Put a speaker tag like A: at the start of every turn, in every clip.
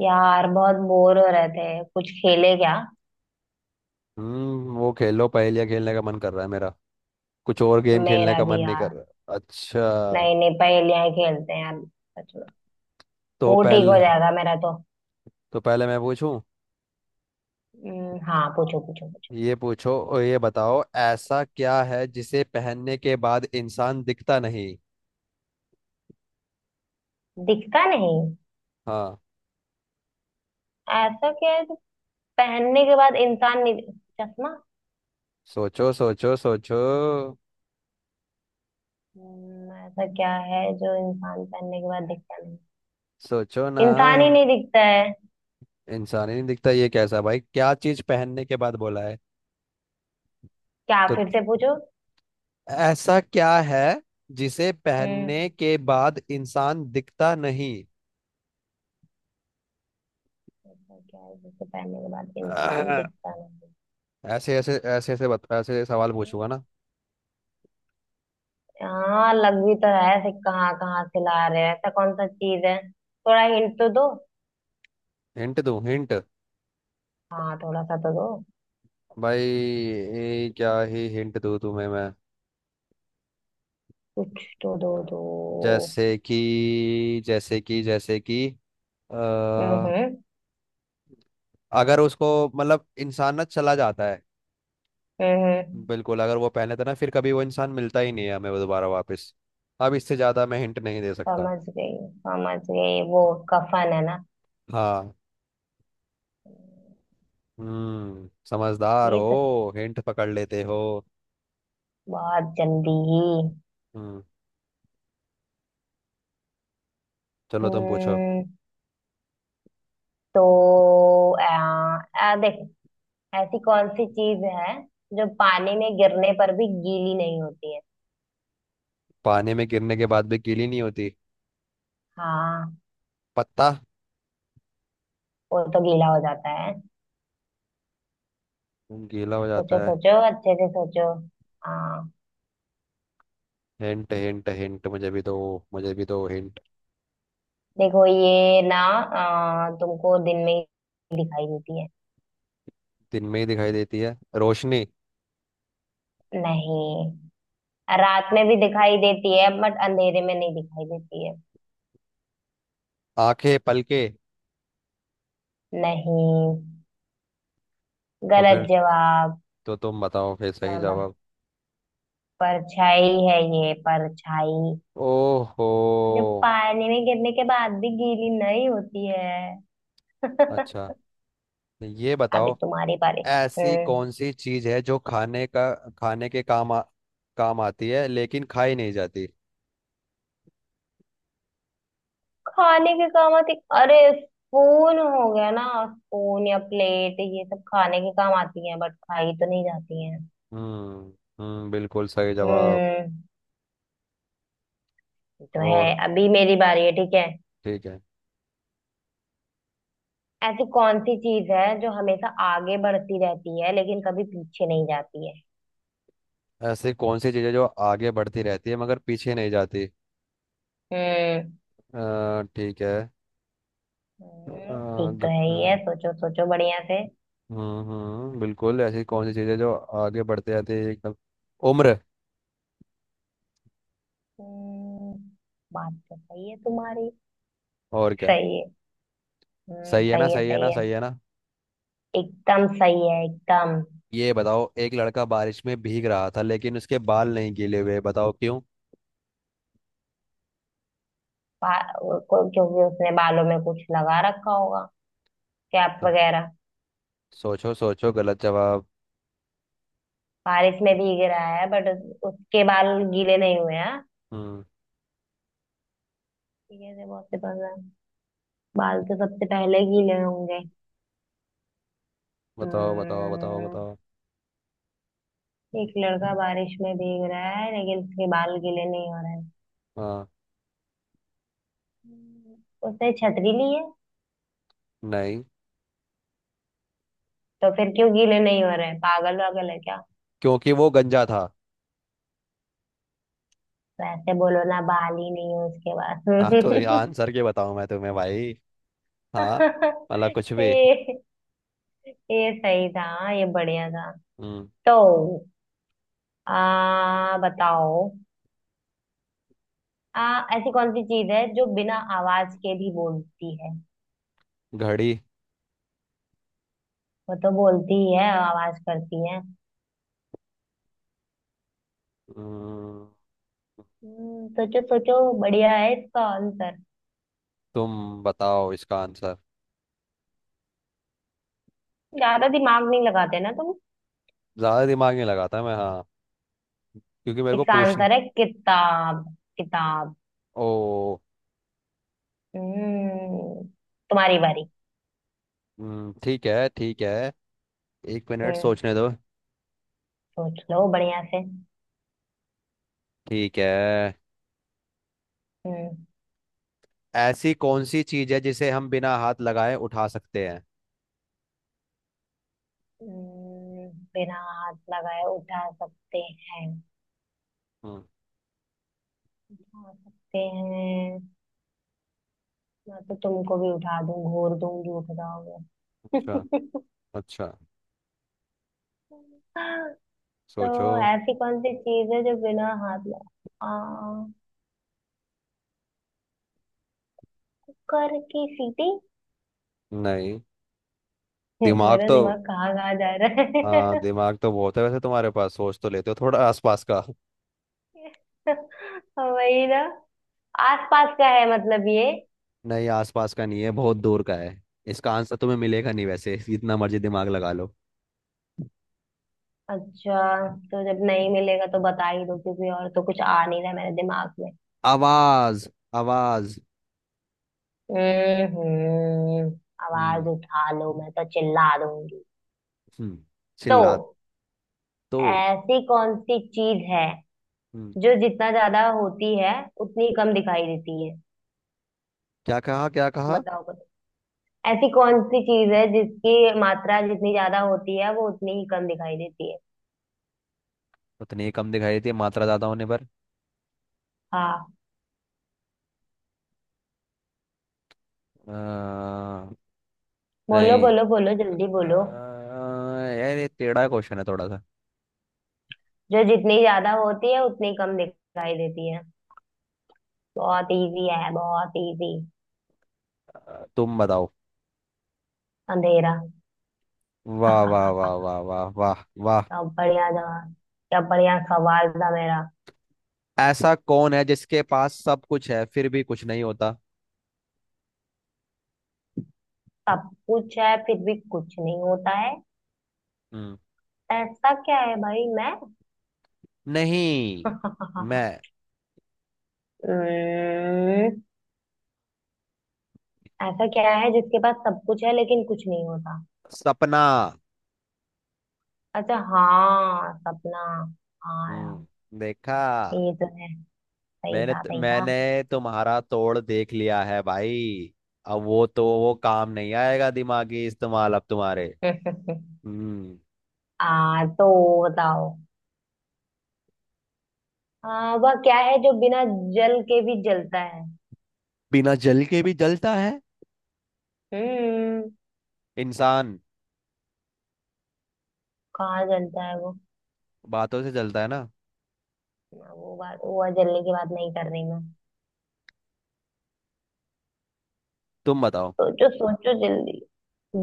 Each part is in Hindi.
A: यार बहुत बोर हो रहे थे, कुछ खेले क्या?
B: हम्म, वो खेल लो। पहेलियाँ खेलने का मन कर रहा है मेरा। कुछ और गेम खेलने
A: मेरा
B: का मन
A: भी,
B: नहीं
A: यार।
B: कर रहा। अच्छा,
A: नहीं नहीं, पहेलियां ही खेलते हैं यार। सच में।
B: तो
A: मूड ठीक हो
B: पहले,
A: जाएगा मेरा तो।
B: तो पहले मैं पूछूं।
A: हाँ, पूछो पूछो पूछो।
B: ये पूछो और ये बताओ, ऐसा क्या है जिसे पहनने के बाद इंसान दिखता नहीं।
A: दिखता नहीं।
B: हाँ।
A: ऐसा क्या है जो पहनने के बाद इंसान नहीं? चश्मा।
B: सोचो सोचो सोचो।
A: ऐसा क्या है जो इंसान पहनने के बाद दिखता नहीं?
B: सोचो ना।
A: इंसान ही नहीं दिखता है।
B: इंसान ही नहीं दिखता, ये कैसा भाई, क्या चीज पहनने के बाद बोला है।
A: क्या?
B: तो
A: फिर से पूछो।
B: ऐसा क्या है जिसे
A: हम्म।
B: पहनने के बाद इंसान दिखता।
A: ऐसा क्या है जिसे पहनने के बाद इंसान
B: नहीं।
A: दिखता नहीं?
B: ऐसे ऐसे ऐसे ऐसे ऐसे सवाल पूछूंगा ना।
A: हाँ, लग भी तो रहा है। ऐसे कहाँ कहाँ से ला रहे हैं? ऐसा कौन सा चीज है, थोड़ा हिंट तो दो।
B: हिंट दूं हिंट।
A: हाँ, थोड़ा सा तो दो।
B: भाई ये क्या ही हिंट दूं तुम्हें मैं।
A: कुछ तो दो दो
B: जैसे कि अ,
A: हम्म।
B: अगर उसको, मतलब इंसान ना चला जाता है।
A: हम्म, हम्म।
B: बिल्कुल, अगर वो पहने तो ना फिर कभी वो इंसान मिलता ही नहीं है हमें, वो दोबारा वापस। अब इससे ज्यादा मैं हिंट नहीं दे सकता।
A: समझ गई समझ गई। वो कफन है ना?
B: हाँ। हम्म, समझदार
A: ये तो
B: हो, हिंट पकड़ लेते हो।
A: बहुत जल्दी ही।
B: हम्म, चलो तुम पूछो।
A: हम्म। तो आ, आ, देख, ऐसी कौन सी चीज है जो पानी में गिरने पर भी गीली नहीं होती है?
B: पानी में गिरने के बाद भी गीली नहीं होती।
A: हाँ।
B: पत्ता।
A: वो तो गीला हो जाता है।
B: खून गीला हो
A: सोचो
B: जाता है।
A: सोचो अच्छे से सोचो। हाँ।
B: हिंट हिंट हिंट मुझे भी दो। मुझे भी दो हिंट।
A: देखो, ये ना तुमको दिन में ही दिखाई देती है।
B: दिन में ही दिखाई देती है रोशनी।
A: नहीं, रात में भी दिखाई देती है, बट अंधेरे में नहीं दिखाई देती है।
B: आंखें, पलके।
A: नहीं,
B: तो
A: गलत
B: फिर,
A: जवाब।
B: तो तुम बताओ फिर सही
A: हाँ, बस
B: जवाब।
A: परछाई है, ये परछाई
B: ओहो।
A: जो पानी में गिरने के बाद भी गीली नहीं होती है।
B: अच्छा, ये
A: अभी
B: बताओ,
A: तुम्हारी बारी।
B: ऐसी
A: हम्म।
B: कौन सी चीज है जो खाने के काम आती है लेकिन खाई नहीं जाती।
A: खाने के काम आती? अरे, स्पून हो गया ना। स्पून या प्लेट ये सब खाने के काम आती है, बट खाई तो नहीं जाती है।
B: हम्म। हम्म, बिल्कुल सही जवाब।
A: हम्म। ये तो
B: और
A: है। अभी मेरी बारी है, ठीक है।
B: ठीक है।
A: ऐसी कौन सी चीज है जो हमेशा आगे बढ़ती रहती है लेकिन कभी पीछे नहीं जाती है?
B: ऐसी कौन सी चीज है जो आगे बढ़ती रहती है मगर पीछे नहीं जाती।
A: हम्म।
B: ठीक है। आ,
A: ठीक तो
B: ग-
A: है
B: आ,
A: ही है। सोचो सोचो बढ़िया से।
B: हम्म, बिल्कुल। ऐसी कौन सी चीज़ है जो आगे बढ़ते जाते एकदम। उम्र।
A: हम्म। बात तो सही है तुम्हारी।
B: और क्या।
A: सही है। हम्म,
B: सही है ना,
A: सही है
B: सही है ना,
A: सही है।
B: सही है ना।
A: एकदम सही है, एकदम।
B: ये बताओ, एक लड़का बारिश में भीग रहा था लेकिन उसके बाल नहीं गीले हुए, बताओ क्यों।
A: क्योंकि उसने बालों में कुछ लगा रखा होगा, कैप
B: तो
A: वगैरह।
B: सोचो सोचो, गलत जवाब।
A: बारिश में भीग रहा है बट उसके बाल गीले नहीं हुए हैं।
B: हम्म।
A: ठीक है, ये बहुत से पता है। बाल तो सबसे पहले गीले होंगे।
B: बताओ बताओ बताओ
A: हम्म।
B: बताओ।
A: एक लड़का बारिश में भीग रहा है लेकिन उसके बाल गीले नहीं हो रहे हैं।
B: हाँ।
A: हम्म, उसने छतरी ली है?
B: नहीं,
A: तो फिर क्यों गीले नहीं हो रहे हैं? पागल वागल है क्या?
B: क्योंकि वो गंजा था।
A: वैसे बोलो ना, बाल ही नहीं है उसके
B: हाँ, तो ये
A: पास।
B: आंसर के बताऊं मैं तुम्हें भाई। हाँ। मतलब कुछ भी।
A: ये ये सही था। हाँ, ये बढ़िया था।
B: हम्म।
A: तो आ बताओ। आ ऐसी कौन सी चीज है जो बिना आवाज के भी बोलती है?
B: घड़ी।
A: वो तो बोलती ही है, आवाज करती है।
B: हम्म,
A: सोचो सोचो, बढ़िया है इसका आंसर।
B: तुम बताओ इसका आंसर।
A: ज्यादा दिमाग नहीं लगाते ना तुम।
B: ज्यादा दिमाग नहीं लगाता मैं, हाँ, क्योंकि मेरे को
A: इसका
B: पूछने।
A: आंसर है किताब। किताब।
B: ओ।
A: हम्म। तुम्हारी बारी।
B: ठीक है ठीक है। एक मिनट
A: हम्म।
B: सोचने दो।
A: सोच लो बढ़िया से।
B: ठीक है।
A: हम्म।
B: ऐसी कौन सी चीज है जिसे हम बिना हाथ लगाए उठा सकते हैं।
A: हम्म, बिना हाथ लगाए उठा सकते हैं?
B: हम्म।
A: उठा सकते हैं। मैं तो तुमको भी उठा दूं, घूर दूंगी उठ जाओगे।
B: अच्छा। अच्छा,
A: तो
B: सोचो।
A: ऐसी कौन सी चीज है जो बिना हाथ में आ कर की सीटी।
B: नहीं। दिमाग
A: मेरा
B: तो,
A: दिमाग कहाँ कहाँ जा रहा
B: हाँ,
A: है।
B: दिमाग तो बहुत है वैसे तुम्हारे पास, सोच तो लेते हो थोड़ा आसपास का।
A: वही ना, आसपास का है मतलब ये।
B: नहीं, आसपास का नहीं है, बहुत दूर का है। इसका आंसर तुम्हें मिलेगा नहीं वैसे, जितना मर्जी दिमाग लगा लो।
A: अच्छा, तो जब नहीं मिलेगा तो बता ही दो, क्योंकि और तो कुछ आ नहीं रहा मेरे दिमाग में।
B: आवाज। आवाज।
A: हम्म।
B: हम्म।
A: आवाज उठा लो, मैं तो चिल्ला दूंगी।
B: हम्म।
A: तो
B: चिल्ला। तो।
A: ऐसी कौन सी चीज है
B: हम्म,
A: जो जितना ज्यादा होती है उतनी कम दिखाई देती है?
B: क्या कहा क्या कहा।
A: बताओ कुछ। ऐसी कौन सी चीज है जिसकी मात्रा जितनी ज्यादा होती है वो उतनी ही कम दिखाई देती है?
B: उतनी कम दिखाई देती है मात्रा ज्यादा होने पर।
A: हाँ।
B: अ,
A: बोलो
B: नहीं।
A: बोलो बोलो जल्दी बोलो।
B: अ, यार ये टेढ़ा क्वेश्चन है थोड़ा सा।
A: जो जितनी ज्यादा होती है उतनी कम दिखाई देती है। बहुत इजी है, बहुत इजी।
B: तुम बताओ।
A: अंधेरा।
B: वाह वाह वाह वाह वाह वाह वाह।
A: क्या बढ़िया जवाब। क्या बढ़िया सवाल था मेरा।
B: ऐसा कौन है जिसके पास सब कुछ है फिर भी कुछ नहीं होता।
A: सब कुछ है फिर भी कुछ नहीं होता है?
B: हम्म।
A: ऐसा क्या है भाई? मैं।
B: नहीं। मैं।
A: हम्म, ऐसा क्या है जिसके पास सब कुछ है लेकिन कुछ नहीं होता?
B: सपना।
A: अच्छा हाँ, सपना। हाँ यार।
B: हम्म, देखा।
A: ये तो है। सही
B: मैंने
A: था सही था।
B: मैंने तुम्हारा तोड़ देख लिया है भाई। अब वो तो, वो काम नहीं आएगा दिमागी इस्तेमाल अब तुम्हारे। हम्म।
A: आ तो बताओ। वह क्या है जो बिना जल के भी जलता है?
B: बिना जल के भी जलता है।
A: हम्म।
B: इंसान,
A: कहाँ जलता है वो?
B: बातों से जलता है ना।
A: वो बात, वो जलने की बात नहीं कर रही मैं।
B: तुम बताओ।
A: सोचो सोचो जल्दी।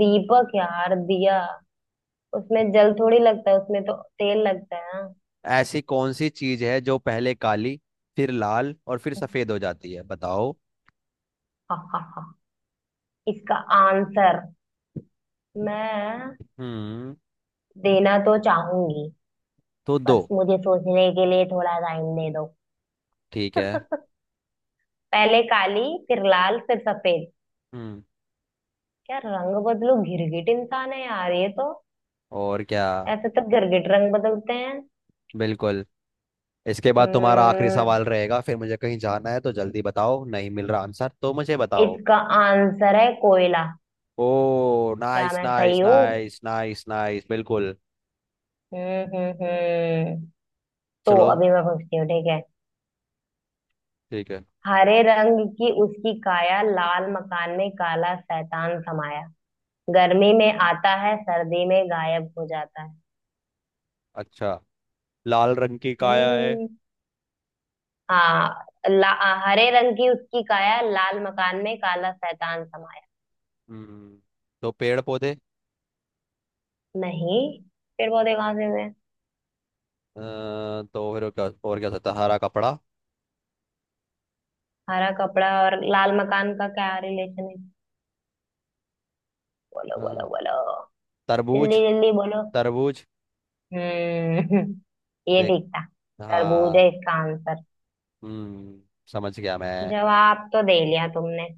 A: दीपक, यार दिया। उसमें जल थोड़ी लगता है, उसमें तो तेल लगता है ना।
B: ऐसी कौन सी चीज है जो पहले काली फिर लाल और फिर सफेद हो जाती है, बताओ।
A: इसका आंसर मैं
B: हम्म।
A: देना तो चाहूंगी,
B: तो दो।
A: बस मुझे सोचने के लिए थोड़ा टाइम दे दो।
B: ठीक है।
A: पहले काली, फिर लाल, फिर सफेद।
B: हम्म।
A: क्या रंग बदलो, गिरगिट इंसान है यार ये तो।
B: और क्या।
A: ऐसे तो गिरगिट रंग बदलते हैं।
B: बिल्कुल। इसके बाद तुम्हारा आखिरी
A: हम्म।
B: सवाल रहेगा, फिर मुझे कहीं जाना है, तो जल्दी बताओ, नहीं मिल रहा आंसर तो मुझे बताओ।
A: इसका आंसर है कोयला।
B: ओ,
A: क्या
B: नाइस
A: मैं
B: नाइस
A: सही हूँ?
B: नाइस नाइस नाइस, बिल्कुल।
A: हम्म। तो
B: चलो
A: अभी मैं पूछती हूँ, ठीक है।
B: ठीक है।
A: हरे रंग की उसकी काया, लाल मकान में काला शैतान समाया। गर्मी में आता है, सर्दी में गायब हो जाता है।
B: अच्छा, लाल रंग की काया है।
A: हम्म। हाँ ला, हरे रंग की उसकी काया, लाल मकान में काला शैतान समाया।
B: हम्म, तो पेड़ पौधे।
A: नहीं, पेड़ पौधे कहाँ से हुए?
B: तो फिर और क्या हो सकता है? हरा कपड़ा।
A: हरा कपड़ा और लाल मकान का क्या रिलेशन है? बोलो बोलो
B: अ,
A: बोलो,
B: तरबूज।
A: जल्दी जल्दी बोलो।
B: तरबूज।
A: हम्म। ये
B: देख,
A: ठीक था, तरबूज है
B: हाँ,
A: इसका आंसर।
B: हम्म, समझ गया मैं।
A: जवाब तो दे लिया तुमने।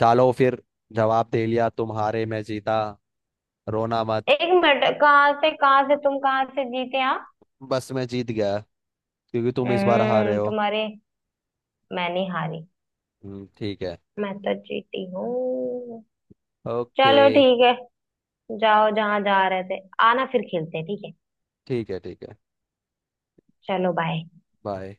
B: चलो फिर, जवाब दे लिया तुम्हारे, मैं जीता, रोना मत।
A: एक मिनट, कहाँ से तुम, कहाँ से जीते आप?
B: बस मैं जीत गया, क्योंकि तुम इस बार हारे
A: हम्म,
B: हो।
A: तुम्हारे। मैं नहीं हारी।
B: ठीक है।
A: मैं तो जीती हूँ।
B: ओके,
A: चलो ठीक है। जाओ जहां जा रहे थे। आना फिर खेलते हैं ठीक है।
B: ठीक है ठीक है।
A: चलो बाय।
B: बाय।